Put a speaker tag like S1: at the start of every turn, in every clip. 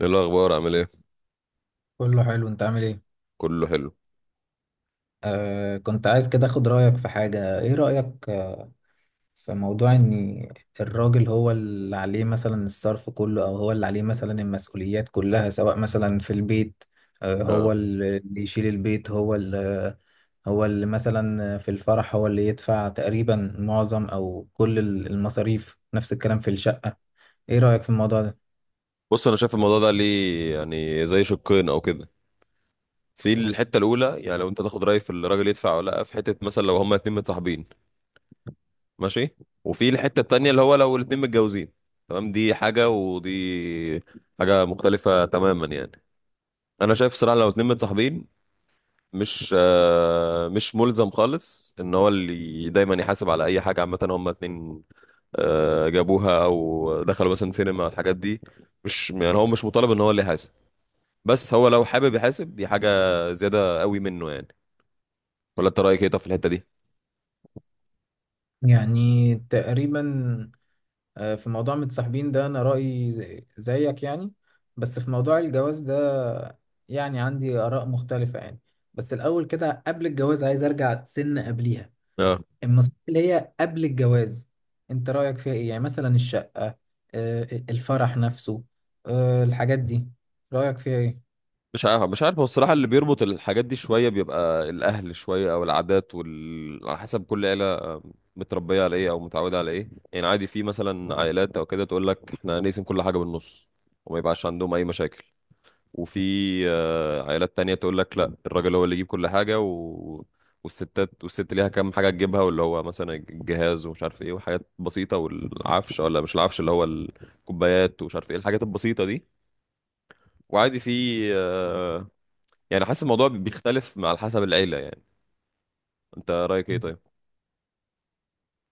S1: ايه الاخبار عامل ايه؟
S2: كله حلو. انت عامل ايه؟
S1: كله حلو.
S2: كنت عايز كده اخد رأيك في حاجة. ايه رأيك في موضوع ان الراجل هو اللي عليه مثلا الصرف كله، او هو اللي عليه مثلا المسؤوليات كلها، سواء مثلا في البيت.
S1: اه
S2: هو اللي يشيل البيت، هو اللي مثلا في الفرح هو اللي يدفع تقريبا معظم او كل المصاريف. نفس الكلام في الشقة. ايه رأيك في الموضوع ده؟
S1: بص، انا شايف الموضوع ده ليه يعني زي شقين او كده. في الحته الاولى يعني لو انت تاخد راي في الراجل يدفع ولا لا، في حته مثلا لو هما اتنين متصاحبين ماشي، وفي الحته التانيه اللي هو لو الاتنين متجوزين تمام، دي حاجه ودي حاجه مختلفه تماما يعني. انا شايف صراحه لو اتنين متصاحبين مش مش ملزم خالص ان هو اللي دايما يحاسب على اي حاجه، عامه هما اتنين جابوها او دخلوا مثلا سينما الحاجات دي، مش يعني هو مش مطالب ان هو اللي يحاسب، بس هو لو حابب يحاسب دي حاجه زياده قوي منه يعني. ولا انت رايك ايه طب في الحته دي؟
S2: يعني تقريبا، في موضوع متصاحبين ده انا رأيي زيك يعني. بس في موضوع الجواز ده يعني عندي آراء مختلفة يعني. بس الأول كده قبل الجواز عايز أرجع سن قبليها.
S1: اه
S2: النصيحة اللي هي قبل الجواز أنت رأيك فيها إيه؟ يعني مثلا الشقة، آه، الفرح نفسه، الحاجات دي، رأيك فيها إيه؟
S1: مش عارف، هو الصراحه اللي بيربط الحاجات دي شويه بيبقى الاهل، شويه او العادات وال، على حسب كل عيله متربيه على ايه او متعوده على ايه يعني. عادي في مثلا عائلات او كده تقول لك احنا نقسم كل حاجه بالنص وما يبقاش عندهم اي مشاكل، وفي عائلات تانية تقول لك لا الراجل هو اللي يجيب كل حاجة و... والستات، والست ليها كام حاجة تجيبها، واللي هو مثلا الجهاز ومش عارف ايه وحاجات بسيطة، والعفش ولا مش العفش، اللي هو الكوبايات ومش عارف ايه الحاجات البسيطة دي. وعادي في آه، يعني حاسس الموضوع بيختلف مع على حسب العيلة يعني. انت رأيك ايه طيب؟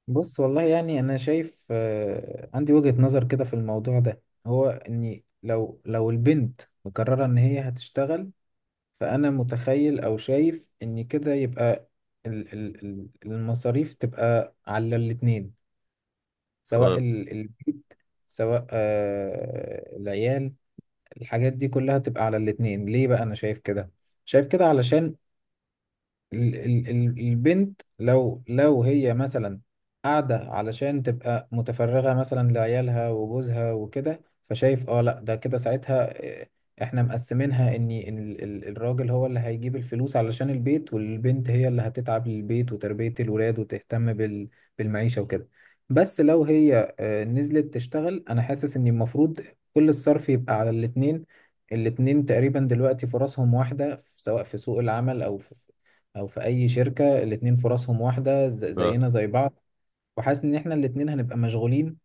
S2: بص، والله يعني أنا شايف، عندي وجهة نظر كده في الموضوع ده، هو إني لو البنت مقررة إن هي هتشتغل، فأنا متخيل أو شايف إن كده يبقى المصاريف تبقى على الاتنين، سواء
S1: تمام.
S2: البيت، سواء العيال، الحاجات دي كلها تبقى على الاتنين. ليه بقى أنا شايف كده؟ شايف كده علشان البنت لو هي مثلا قاعدة علشان تبقى متفرغة مثلا لعيالها وجوزها وكده، فشايف اه لا ده كده ساعتها، احنا مقسمينها ان الراجل هو اللي هيجيب الفلوس علشان البيت، والبنت هي اللي هتتعب للبيت وتربية الولاد وتهتم بالمعيشة وكده. بس لو هي نزلت تشتغل، انا حاسس ان المفروض كل الصرف يبقى على الاتنين. الاتنين تقريبا دلوقتي فرصهم واحدة سواء في سوق العمل أو في او في اي شركه، الاتنين فرصهم واحده،
S1: آه.
S2: زينا زي بعض. وحاسس ان احنا الاتنين هنبقى مشغولين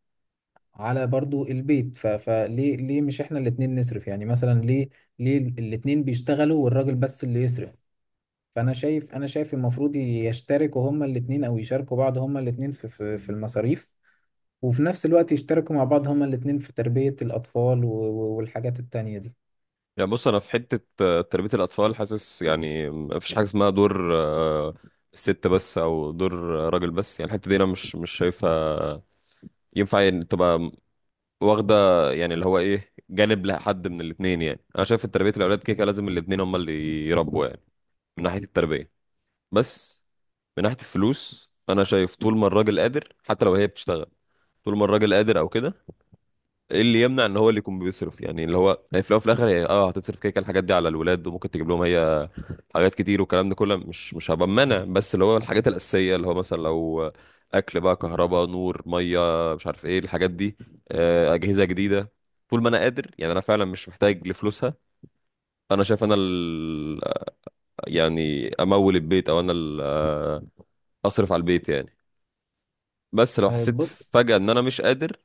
S2: على برضو البيت، فليه مش احنا الاتنين نصرف؟ يعني مثلا ليه الاتنين بيشتغلوا والراجل بس اللي يصرف؟ فانا شايف، انا شايف المفروض يشتركوا هما الاتنين او يشاركوا بعض هما الاتنين في المصاريف. وفي نفس الوقت يشتركوا مع بعض هما الاتنين في تربيه الاطفال والحاجات التانية دي.
S1: يعني بص انا في حتة تربية الأطفال، حاسس يعني مفيش حاجة اسمها دور الست بس او دور راجل بس، يعني الحتة دي انا مش شايفها ينفع يعني تبقى واخده يعني اللي هو ايه جانب لحد من الاثنين. يعني انا شايف ان تربيه الاولاد كده كده لازم الاثنين هم اللي يربوا يعني، من ناحيه التربيه. بس من ناحيه الفلوس انا شايف طول ما الراجل قادر حتى لو هي بتشتغل، طول ما الراجل قادر او كده ايه اللي يمنع ان هو اللي يكون بيصرف؟ يعني اللي هو هي في الاول وفي الاخر هي هتصرف كده كده الحاجات دي على الولاد، وممكن تجيب لهم هي حاجات كتير والكلام ده كله، مش هبقى منع، بس اللي هو الحاجات الأساسية اللي هو مثلا لو أكل بقى، كهرباء، نور، مية، مش عارف إيه الحاجات دي، أجهزة جديدة. طول ما أنا قادر يعني أنا فعلا مش محتاج لفلوسها، أنا شايف أنا ال... يعني أمول البيت، أو أنا ال... أصرف على البيت يعني. بس لو حسيت
S2: بص،
S1: فجأة إن أنا مش قادر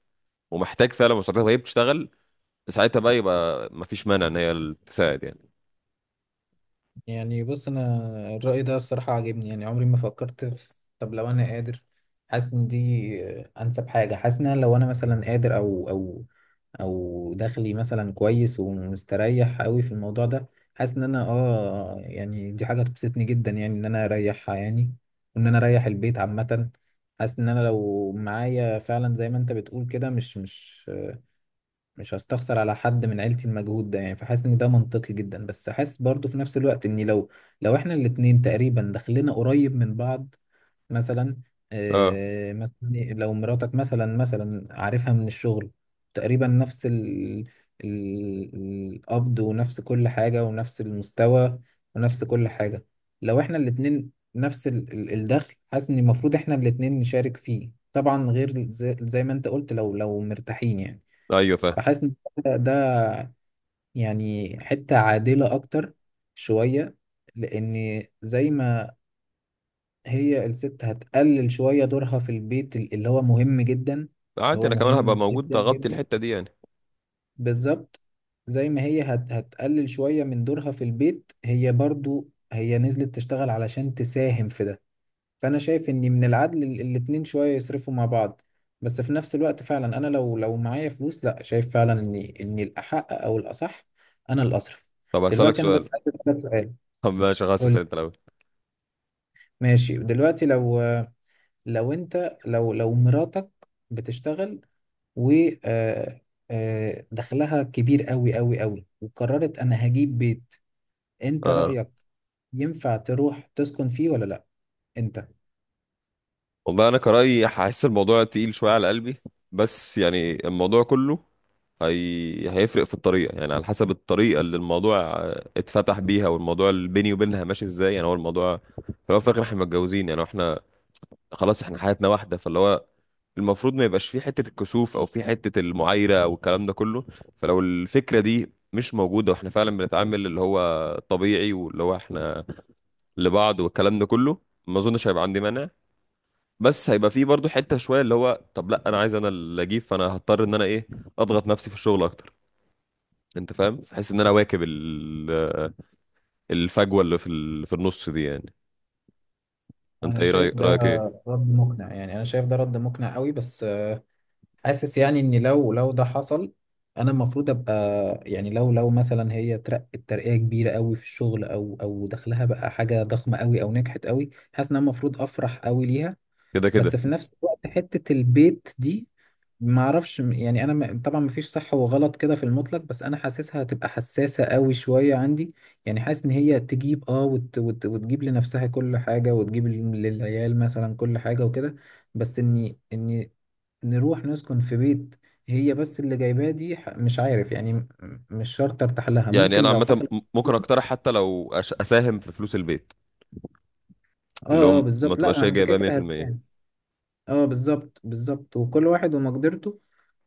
S1: ومحتاج فعلا مساعدتها وهي بتشتغل، ساعتها بقى يبقى مفيش مانع إن هي تساعد يعني.
S2: انا الرأي ده الصراحة عاجبني. يعني عمري ما فكرت في طب لو انا قادر. حاسس ان دي انسب حاجة. حاسس ان أنا لو انا مثلا قادر او دخلي مثلا كويس ومستريح قوي في الموضوع ده، حاسس ان انا اه يعني دي حاجة تبسطني جدا، يعني ان انا اريحها يعني، وان انا اريح البيت عامة. حاسس ان انا لو معايا فعلا زي ما انت بتقول كده، مش هستخسر على حد من عيلتي المجهود ده يعني. فحاسس ان ده منطقي جدا. بس حاسس برضو في نفس الوقت ان لو احنا الاتنين تقريبا دخلنا قريب من بعض، مثلا
S1: أه.
S2: مثلا لو مراتك مثلا عارفها من الشغل تقريبا نفس ال ال- القبض، ونفس كل حاجة، ونفس المستوى، ونفس كل حاجة. لو احنا الاتنين نفس الدخل، حاسس ان المفروض احنا الاتنين نشارك فيه. طبعا غير زي ما انت قلت لو مرتاحين يعني.
S1: أيوه فاهم.
S2: فحاسس ان ده يعني حتة عادلة اكتر شوية. لان زي ما هي الست هتقلل شوية دورها في البيت، اللي هو مهم جدا، اللي
S1: عادي
S2: هو
S1: أنا كمان هبقى
S2: مهم
S1: موجود
S2: جدا
S1: أغطي
S2: جدا.
S1: الحتة دي يعني.
S2: بالظبط، زي ما هي هتقلل شوية من دورها في البيت، هي برضو هي نزلت تشتغل علشان تساهم في ده. فانا شايف ان من العدل الاتنين شويه يصرفوا مع بعض. بس في نفس الوقت فعلا انا لو معايا فلوس، لا شايف فعلا ان الاحق او الاصح انا اللي اصرف.
S1: طب هسألك
S2: دلوقتي انا
S1: سؤال.
S2: بس عايز اسالك سؤال.
S1: طب ماشي خلاص،
S2: قول
S1: اسال
S2: لي.
S1: انت الاول.
S2: ماشي، دلوقتي لو لو انت لو لو مراتك بتشتغل، و آه، دخلها كبير قوي قوي قوي، وقررت انا هجيب بيت، انت
S1: اه
S2: رايك ينفع تروح تسكن فيه ولا لا؟ انت.
S1: والله انا كرأيي هحس الموضوع تقيل شويه على قلبي، بس يعني الموضوع كله هي... هيفرق في الطريقه يعني، على حسب الطريقه اللي الموضوع اتفتح بيها، والموضوع اللي بيني وبينها ماشي ازاي. يعني هو الموضوع في الاول وفي الاخر احنا متجوزين يعني، احنا خلاص احنا حياتنا واحده، فاللي هو المفروض ما يبقاش في حته الكسوف او في حته المعايره او الكلام ده كله. فلو الفكره دي مش موجوده واحنا فعلا بنتعامل اللي هو طبيعي واللي هو احنا لبعض والكلام ده كله، ما اظنش هيبقى عندي مانع. بس هيبقى فيه برضو حتة شوية اللي هو طب لا انا عايز انا اللي اجيب، فانا هضطر ان انا ايه اضغط نفسي في الشغل اكتر، انت فاهم؟ بحيث ان انا اواكب ال- الفجوة اللي في ال- في النص دي يعني. انت
S2: انا
S1: ايه
S2: شايف
S1: رأيك؟
S2: ده
S1: رأيك ايه؟
S2: رد مقنع، يعني انا شايف ده رد مقنع قوي. بس حاسس يعني ان لو ده حصل، انا المفروض ابقى، يعني لو مثلا هي ترقت ترقية كبيرة قوي في الشغل، او او دخلها بقى حاجة ضخمة قوي او نجحت قوي، حاسس ان انا المفروض افرح قوي ليها.
S1: كده
S2: بس
S1: كده.
S2: في نفس الوقت حتة البيت دي ما اعرفش، يعني انا طبعا مفيش صح وغلط كده في المطلق، بس انا حاسسها هتبقى حساسة قوي شوية عندي. يعني حاسس ان هي تجيب اه وت وت وتجيب لنفسها كل حاجة، وتجيب للعيال مثلا كل حاجة وكده. بس اني نروح نسكن في بيت هي بس اللي جايباه، دي مش عارف يعني، مش شرط ارتاح لها،
S1: يعني انا
S2: ممكن لو
S1: عامة
S2: حصل.
S1: م- ممكن اقترح حتى لو أش- اساهم في فلوس البيت، اللي
S2: اه اه
S1: هو ما
S2: بالظبط، لا
S1: تبقاش
S2: ما
S1: هي
S2: انت كده
S1: جايبها
S2: كده
S1: 100%.
S2: هتفهم. اه بالظبط بالظبط، وكل واحد ومقدرته.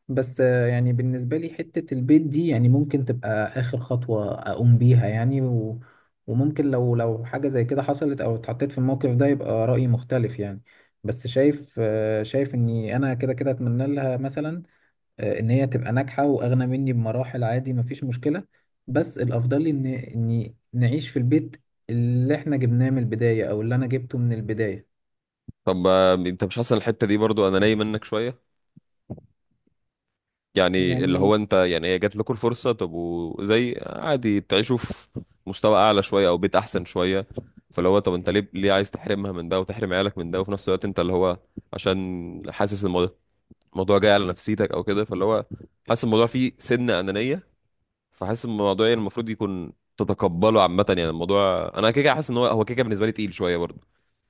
S2: بس يعني بالنسبة لي حتة البيت دي يعني ممكن تبقى آخر خطوة أقوم بيها يعني. وممكن لو حاجة زي كده حصلت أو اتحطيت في الموقف ده يبقى رأيي مختلف يعني. بس شايف، شايف إني أنا كده كده أتمنى لها مثلا إن هي تبقى ناجحة وأغنى مني بمراحل، عادي مفيش مشكلة. بس الأفضل لي إن إني نعيش في البيت اللي إحنا جبناه من البداية، أو اللي أنا جبته من البداية
S1: طب انت مش حاسس إن الحتة دي برضو انا نايم منك شوية؟ يعني اللي
S2: يعني.
S1: هو انت، يعني هي جات لكم الفرصه، طب وزي عادي تعيشوا في مستوى اعلى شويه او بيت احسن شويه، فاللي هو طب انت ليه عايز تحرمها من ده وتحرم عيالك من ده، وفي نفس الوقت انت اللي هو عشان حاسس الموضوع، الموضوع جاي على نفسيتك او كده، فاللي هو حاسس الموضوع فيه سن انانيه، فحاسس الموضوع يعني المفروض يكون تتقبله عامه يعني، الموضوع انا كده كده حاسس ان هو كده كده بالنسبه لي تقيل شويه برضه،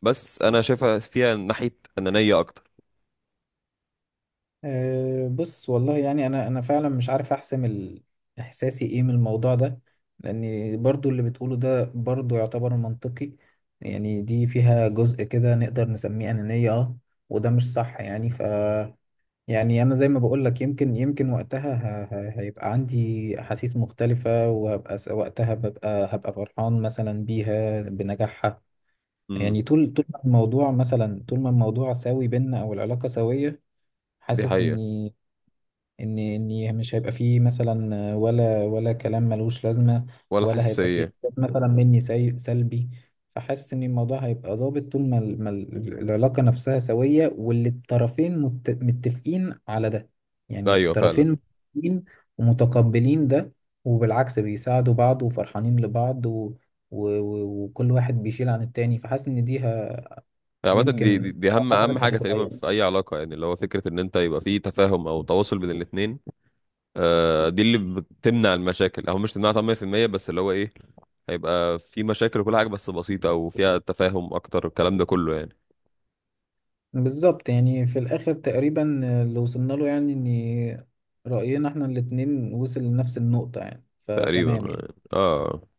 S1: بس انا شايفها فيها ناحيه انانيه اكتر.
S2: أه بص والله، يعني انا فعلا مش عارف احسم احساسي ايه من الموضوع ده. لان برضو اللي بتقوله ده برضو يعتبر منطقي. يعني دي فيها جزء كده نقدر نسميه انانية اه، وده مش صح يعني. ف يعني انا زي ما بقول لك، يمكن وقتها هيبقى عندي احاسيس مختلفة، وهبقى وقتها ببقى هبقى فرحان مثلا بيها بنجاحها.
S1: امم
S2: يعني طول ما الموضوع مثلا، طول ما الموضوع ساوي بينا او العلاقة سوية،
S1: دي
S2: حاسس
S1: حقيقه.
S2: اني ان مش هيبقى فيه مثلا ولا كلام ملوش لازمه،
S1: ولا
S2: ولا هيبقى فيه
S1: حساسيه.
S2: إحساس مثلا مني سلبي. فحاسس ان الموضوع هيبقى ظابط طول ما العلاقه نفسها سويه، واللي الطرفين متفقين على ده. يعني
S1: ايوه فعلا.
S2: الطرفين متفقين ومتقبلين ده. وبالعكس بيساعدوا بعض وفرحانين لبعض وكل واحد بيشيل عن التاني. فحاسس ان دي
S1: عامة
S2: يمكن
S1: دي دي
S2: لو
S1: أهم
S2: حصلت
S1: حاجة تقريبا
S2: هتتغير.
S1: في أي علاقة يعني، اللي هو فكرة إن أنت يبقى في تفاهم أو تواصل بين الاتنين. آه دي اللي بتمنع المشاكل أو مش تمنعها 100%، بس اللي هو إيه، هيبقى في مشاكل وكل حاجة بس بسيطة أو فيها تفاهم أكتر الكلام ده كله يعني.
S2: بالظبط، يعني في الآخر تقريبا اللي وصلنا له يعني إن رأينا إحنا الاتنين وصل لنفس النقطة يعني،
S1: تقريبا.
S2: فتمام يعني.
S1: آه.